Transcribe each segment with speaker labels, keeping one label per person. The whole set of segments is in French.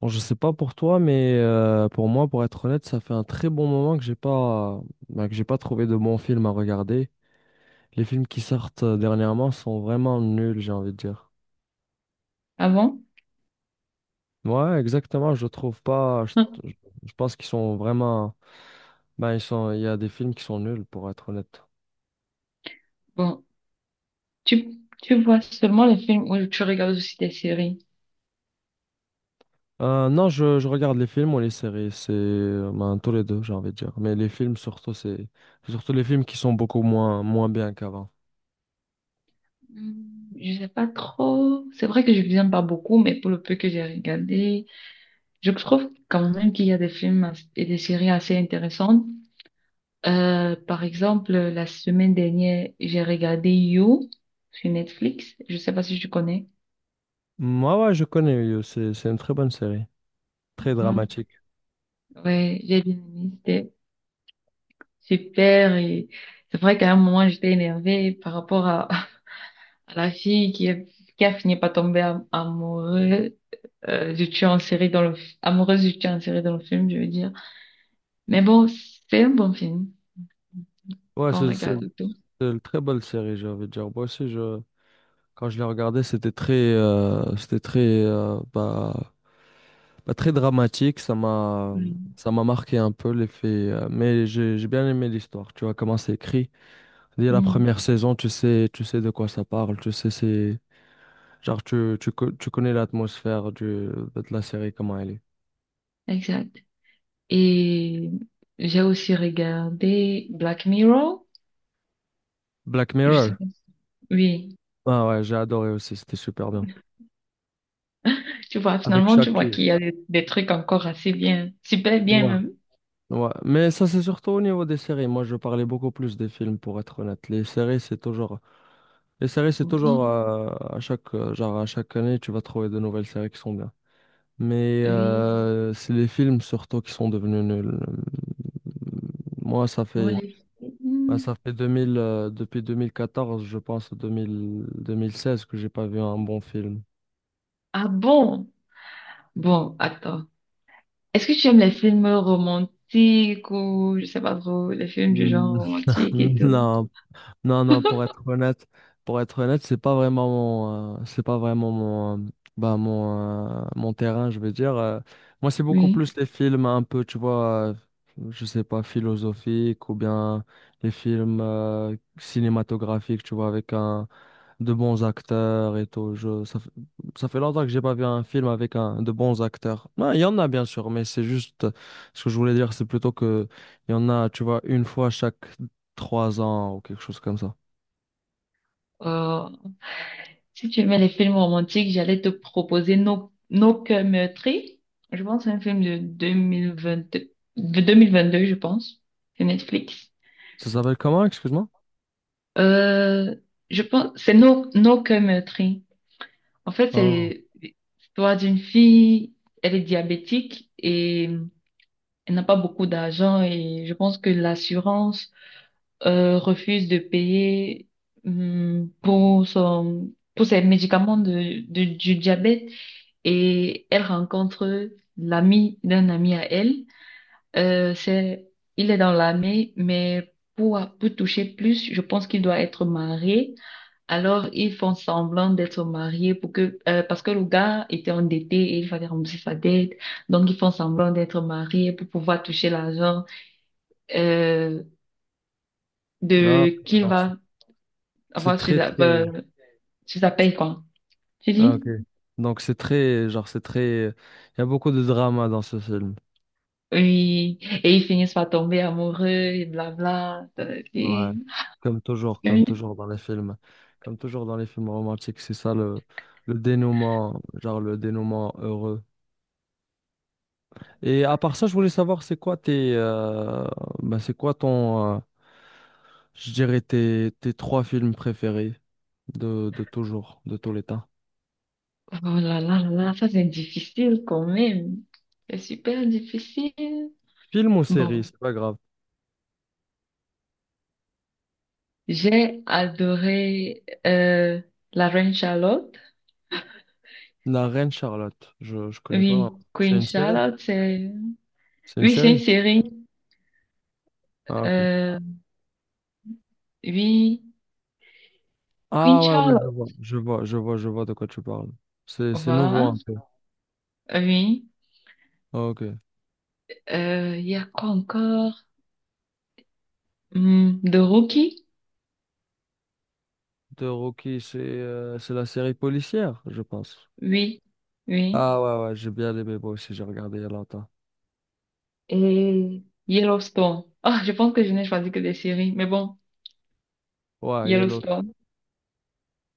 Speaker 1: Bon, je sais pas pour toi, mais pour moi, pour être honnête, ça fait un très bon moment que j'ai pas, bah, que j'ai pas trouvé de bons films à regarder. Les films qui sortent dernièrement sont vraiment nuls, j'ai envie de dire.
Speaker 2: Ah bon?
Speaker 1: Ouais, exactement, je trouve pas. Je- je pense qu'ils sont vraiment. Ben, ils sont, il y a des films qui sont nuls, pour être honnête.
Speaker 2: Bon, tu, tu vois seulement les films ou tu regardes aussi des séries?
Speaker 1: Non, je regarde les films ou les séries, c'est ben, tous les deux, j'ai envie de dire. Mais les films, surtout, c'est surtout les films qui sont beaucoup moins, moins bien qu'avant.
Speaker 2: Hmm, je sais pas trop. C'est vrai que je viens pas beaucoup, mais pour le peu que j'ai regardé, je trouve quand même qu'il y a et des séries assez intéressantes. Par exemple, la semaine dernière, j'ai regardé You sur Netflix. Je sais pas si tu connais.
Speaker 1: Mm, ouais, ouais, je connais You, c'est une très bonne série. Très
Speaker 2: Ouais,
Speaker 1: dramatique.
Speaker 2: ouais, j'ai bien aimé. C'était super et c'est vrai qu'à un moment, j'étais énervée par rapport à la fille qui, qui a fini par tomber amoureuse du tueur en série dans le, f- amoureuse du tueur en série dans le film, je veux dire. Mais bon, c'est un bon film
Speaker 1: Ouais,
Speaker 2: quand on
Speaker 1: c'est c'est-
Speaker 2: regarde et tout.
Speaker 1: c'est une très belle série, j'ai envie de dire. Moi aussi, quand je l'ai regardée, c'était très, euh, bah, très dramatique.
Speaker 2: Oui.
Speaker 1: Ça m'a marqué un peu l'effet. Mais j'ai bien aimé l'histoire. Tu vois comment c'est écrit. Dès la
Speaker 2: Oui,
Speaker 1: première saison, tu sais de quoi ça parle. Tu sais, c'est genre tu connais l'atmosphère du, de la série, comment elle est.
Speaker 2: exact. Et j'ai aussi regardé Black Mirror.
Speaker 1: Black
Speaker 2: Je sais
Speaker 1: Mirror.
Speaker 2: pas. Oui.
Speaker 1: Ah ouais, j'ai adoré aussi. C'était super bien.
Speaker 2: Tu vois,
Speaker 1: Avec
Speaker 2: finalement, tu
Speaker 1: Shaq.
Speaker 2: vois qu'il y a des trucs encore assez bien, super bien
Speaker 1: Ouais,
Speaker 2: même.
Speaker 1: ouais, mais ça c'est surtout au niveau des séries. Moi, je parlais beaucoup plus des films pour être honnête. Les séries, c'est toujours
Speaker 2: Bon,
Speaker 1: à chaque genre à chaque année, tu vas trouver de nouvelles séries qui sont bien. Mais
Speaker 2: oui.
Speaker 1: c'est les films surtout qui sont devenus nuls. Moi, ça
Speaker 2: Bon,
Speaker 1: fait
Speaker 2: les
Speaker 1: bah,
Speaker 2: films.
Speaker 1: ça fait 2000 depuis 2014, je pense 2000 2016 que j'ai pas vu un bon film.
Speaker 2: Ah bon? Bon, attends. Est-ce que tu aimes les films romantiques ou je sais pas trop, les films du genre
Speaker 1: Mm,
Speaker 2: romantique et tout?
Speaker 1: Non, non, pour être honnête, c'est pas vraiment mon, mon terrain, je veux dire. Moi, c'est beaucoup
Speaker 2: Oui.
Speaker 1: plus les films un peu, tu vois, je sais pas, philosophiques ou bien les films cinématographiques, tu vois, avec un, de bons acteurs et tout. Ça fait ça fait longtemps que j'ai pas vu un film avec un, de bons acteurs. Ben, il y en a, bien sûr, mais c'est juste, ce que je voulais dire, c'est plutôt que il y en a, tu vois, une fois chaque trois ans ou quelque chose comme ça.
Speaker 2: Euh, Si tu aimais les films romantiques, j'allais te proposer Nos cœurs meurtris. Je pense que c'est un film de 2022, de 2022, je pense. C'est Netflix.
Speaker 1: Ça s'appelle comment, excuse-moi?
Speaker 2: Euh, je pense, c'est Nos cœurs meurtris. En fait,
Speaker 1: Oh,
Speaker 2: c'est l'histoire d'une fille, elle est diabétique et elle n'a pas beaucoup d'argent et je pense que l'assurance refuse de payer pour son, pour ses médicaments du diabète et elle rencontre l'ami d'un ami à elle. Euh, c'est, il est dans l'armée, mais pour toucher plus, je pense qu'il doit être marié. Alors, ils font semblant d'être mariés pour que, parce que le gars était endetté et il fallait rembourser sa dette. Donc, ils font semblant d'être mariés pour pouvoir toucher l'argent, euh,
Speaker 1: non, ok,
Speaker 2: qu'il
Speaker 1: donc c'est
Speaker 2: va
Speaker 1: c'est
Speaker 2: avoir sur
Speaker 1: très,
Speaker 2: la,
Speaker 1: très...
Speaker 2: tu t'appelles quoi? Tu
Speaker 1: Ah,
Speaker 2: dis?
Speaker 1: ok. Donc c'est très, genre, c'est très... Il y a beaucoup de drama dans ce film.
Speaker 2: Oui. Et ils finissent par tomber amoureux et blabla.
Speaker 1: Ouais. Comme
Speaker 2: Oui.
Speaker 1: toujours dans les films. Comme toujours dans les films romantiques, c'est ça le dénouement, genre le dénouement heureux. Et à part ça, je voulais savoir, c'est quoi ton... je dirais tes, tes trois films préférés de toujours, de tous les temps.
Speaker 2: Oh là là là là, ça c'est difficile quand même. C'est super difficile.
Speaker 1: Film ou série,
Speaker 2: Bon,
Speaker 1: c'est pas grave.
Speaker 2: j'ai adoré La Reine Charlotte.
Speaker 1: La Reine Charlotte. Je connais pas.
Speaker 2: Oui,
Speaker 1: C'est
Speaker 2: Queen
Speaker 1: une série?
Speaker 2: Charlotte, c'est...
Speaker 1: C'est une
Speaker 2: Oui, c'est une
Speaker 1: série?
Speaker 2: série.
Speaker 1: Ah, ok.
Speaker 2: Euh, oui, Queen
Speaker 1: Ah, ouais, ouais, je
Speaker 2: Charlotte.
Speaker 1: vois. Je vois de quoi tu parles. C'est nouveau
Speaker 2: Voilà.
Speaker 1: un peu.
Speaker 2: Oui.
Speaker 1: Ah, ok.
Speaker 2: Il y a quoi encore? Hmm, The Rookie?
Speaker 1: De Rocky, c'est la série policière, je pense.
Speaker 2: Oui, oui.
Speaker 1: Ah, ouais, ouais, j'ai bien aimé moi aussi. J'ai regardé il y a longtemps.
Speaker 2: Et Yellowstone. Ah, je pense que je n'ai choisi que des séries, mais bon,
Speaker 1: Ouais, Yellow.
Speaker 2: Yellowstone.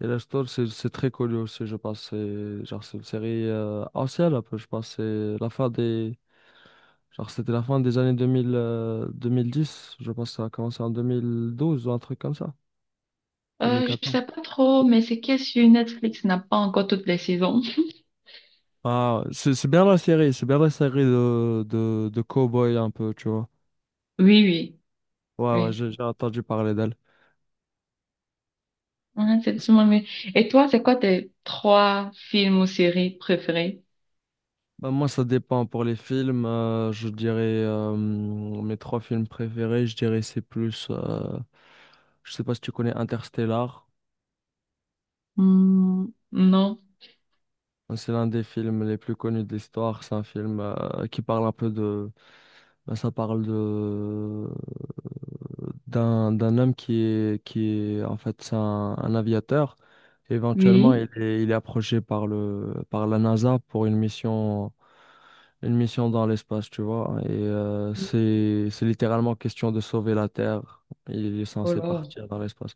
Speaker 1: Yellowstone, c'est très connu aussi, je pense. C'est genre, c'est une série ancienne un peu, je pense. C'est la fin des. Genre, c'était la fin des années 2000, 2010. Je pense que ça a commencé en 2012 ou un truc comme ça.
Speaker 2: Je
Speaker 1: 2014.
Speaker 2: sais pas trop, mais c'est que sur Netflix n'a pas encore toutes les saisons.
Speaker 1: Ah, c'est bien la série, c'est bien la série de cow-boy un peu, tu vois.
Speaker 2: Oui, oui,
Speaker 1: Ouais, ouais,
Speaker 2: oui.
Speaker 1: j'ai entendu parler d'elle.
Speaker 2: Ouais, c'est sûrement mieux. Et toi, c'est quoi tes trois films ou séries préférés?
Speaker 1: Bah, moi, ça dépend. Pour les films, je dirais mes trois films préférés, je dirais c'est plus. Je sais pas si tu connais Interstellar.
Speaker 2: Hmm, non.
Speaker 1: C'est l'un des films les plus connus de l'histoire. C'est un film qui parle un peu de. Bah, ça parle de d'un d'un homme qui est en fait c'est un aviateur. Éventuellement,
Speaker 2: Oui.
Speaker 1: il est approché par le par la NASA pour une mission dans l'espace, tu vois. Et
Speaker 2: Oui.
Speaker 1: c'est littéralement question de sauver la Terre. Il est
Speaker 2: Oh
Speaker 1: censé
Speaker 2: là.
Speaker 1: partir dans l'espace.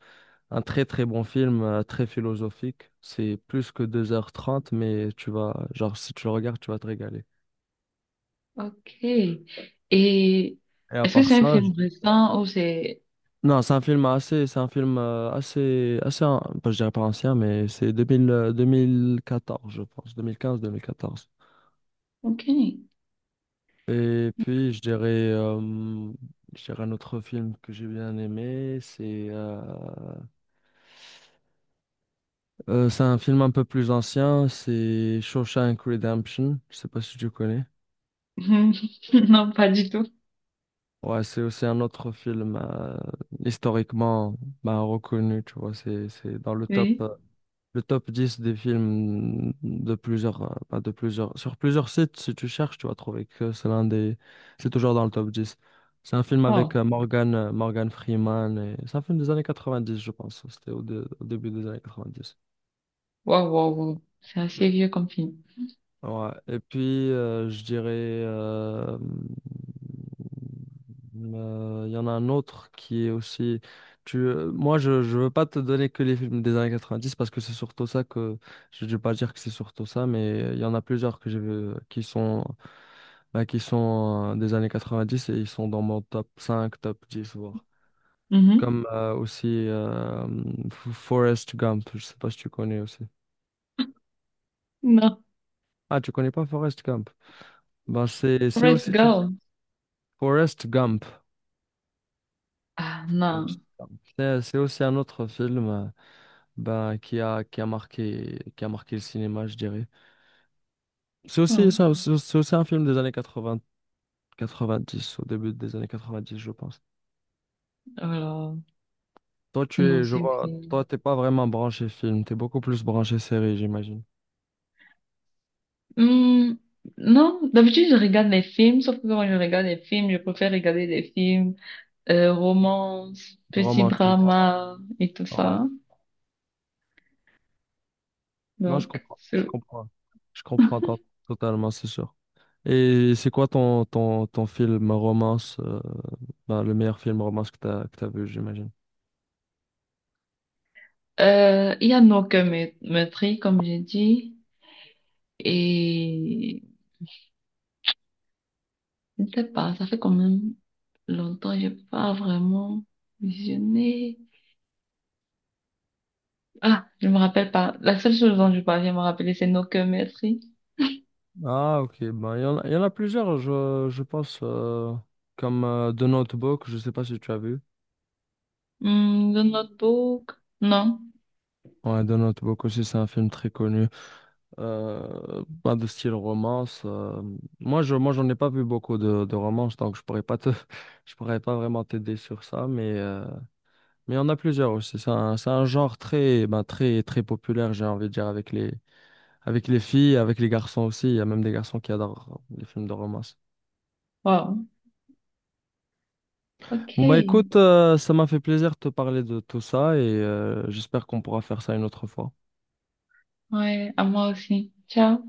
Speaker 1: Un très très bon film, très philosophique. C'est plus que deux heures trente, mais tu vas genre si tu le regardes, tu vas te régaler.
Speaker 2: Ok. Et
Speaker 1: Et à
Speaker 2: est-ce que
Speaker 1: part
Speaker 2: c'est un
Speaker 1: ça, je.
Speaker 2: film récent ou c'est...
Speaker 1: Non, c'est un film assez, je dirais pas ancien, mais c'est 2000, 2014, je pense, 2015-2014.
Speaker 2: Ok.
Speaker 1: Et puis, euh, je dirais un autre film que j'ai bien aimé, c'est un film un peu plus ancien, c'est Shawshank Redemption. Je sais pas si tu connais.
Speaker 2: Non, pas du tout.
Speaker 1: Ouais, c'est aussi un autre film historiquement bah, reconnu, tu vois, c'est dans le top.
Speaker 2: Oui.
Speaker 1: Le top 10 des films de plusieurs, pas de plusieurs, sur plusieurs sites, si tu cherches, tu vas trouver que c'est l'un des, c'est toujours dans le top dix. C'est un film avec
Speaker 2: Oh.
Speaker 1: Morgan Freeman et c'est un film des années quatre-vingt-dix, je pense. Au début des années quatre-vingt-dix.
Speaker 2: Wow, wow, wow. C'est assez vieux comme film.
Speaker 1: Ouais. Et puis, je dirais, il y en a un autre qui est aussi. Moi, je veux pas te donner que les films des années 90 parce que c'est surtout ça que. Je ne vais pas dire que c'est surtout ça, mais il y en a plusieurs que j'ai vu qui sont, bah, qui sont des années 90 et ils sont dans mon top cinq, top 10 voire.
Speaker 2: Mhm.
Speaker 1: Comme Forrest Gump. Je sais pas si tu connais aussi.
Speaker 2: Non.
Speaker 1: Ah, tu connais pas Forrest Gump? Ben, c'est
Speaker 2: Forrest
Speaker 1: aussi.
Speaker 2: Gump.
Speaker 1: Forrest Gump.
Speaker 2: Ah,
Speaker 1: Forrest
Speaker 2: non.
Speaker 1: Gump. C'est aussi un autre film ben, qui a marqué le cinéma, je dirais.
Speaker 2: Non.
Speaker 1: C'est aussi un film des années 80, 90, au début des années 90, je pense.
Speaker 2: Alors,
Speaker 1: Toi, tu
Speaker 2: non,
Speaker 1: es, je
Speaker 2: c'est un
Speaker 1: vois,
Speaker 2: film.
Speaker 1: toi, t'es pas vraiment branché film, t'es beaucoup plus branché série, j'imagine.
Speaker 2: Hmm, non, d'habitude, je regarde les films, sauf que quand je regarde les films, je préfère regarder des films, romance, petit
Speaker 1: Romantique,
Speaker 2: drama et tout
Speaker 1: ouais.
Speaker 2: ça.
Speaker 1: Non, je
Speaker 2: Donc,
Speaker 1: comprends, je
Speaker 2: c'est-
Speaker 1: comprends. Je comprends to- totalement, c'est sûr. Et c'est quoi ton, ton, ton film romance, ben, le meilleur film romance que que t'as vu, j'imagine?
Speaker 2: euh, il y a No Cure Me- Meurtri, comme j'ai dit. Et, je ne sais pas, ça fait quand même longtemps, j'ai pas vraiment visionné. Ah, je me rappelle pas. La seule chose dont je parviens à me rappeler, c'est No Que Merci.
Speaker 1: Ah, ok. Ben, il y en a plusieurs, je pense, comme The Notebook, je sais pas si tu as vu.
Speaker 2: Hmm, The Notebook. Non.
Speaker 1: Ouais, The Notebook aussi, c'est un film très connu. Pas de style romance. Moi, moi, j'en ai pas vu beaucoup de romances, donc je pourrais pas te, je pourrais pas vraiment t'aider sur ça, mais il y en a plusieurs aussi. C'est un genre très, ben, très, très populaire, j'ai envie de dire, avec les filles, avec les garçons aussi. Il y a même des garçons qui adorent les films de romance.
Speaker 2: Wow.
Speaker 1: Bon bah
Speaker 2: Ok.
Speaker 1: écoute, ça m'a fait plaisir de te parler de tout ça et j'espère qu'on pourra faire ça une autre fois.
Speaker 2: Ouais, à moi aussi. Ciao.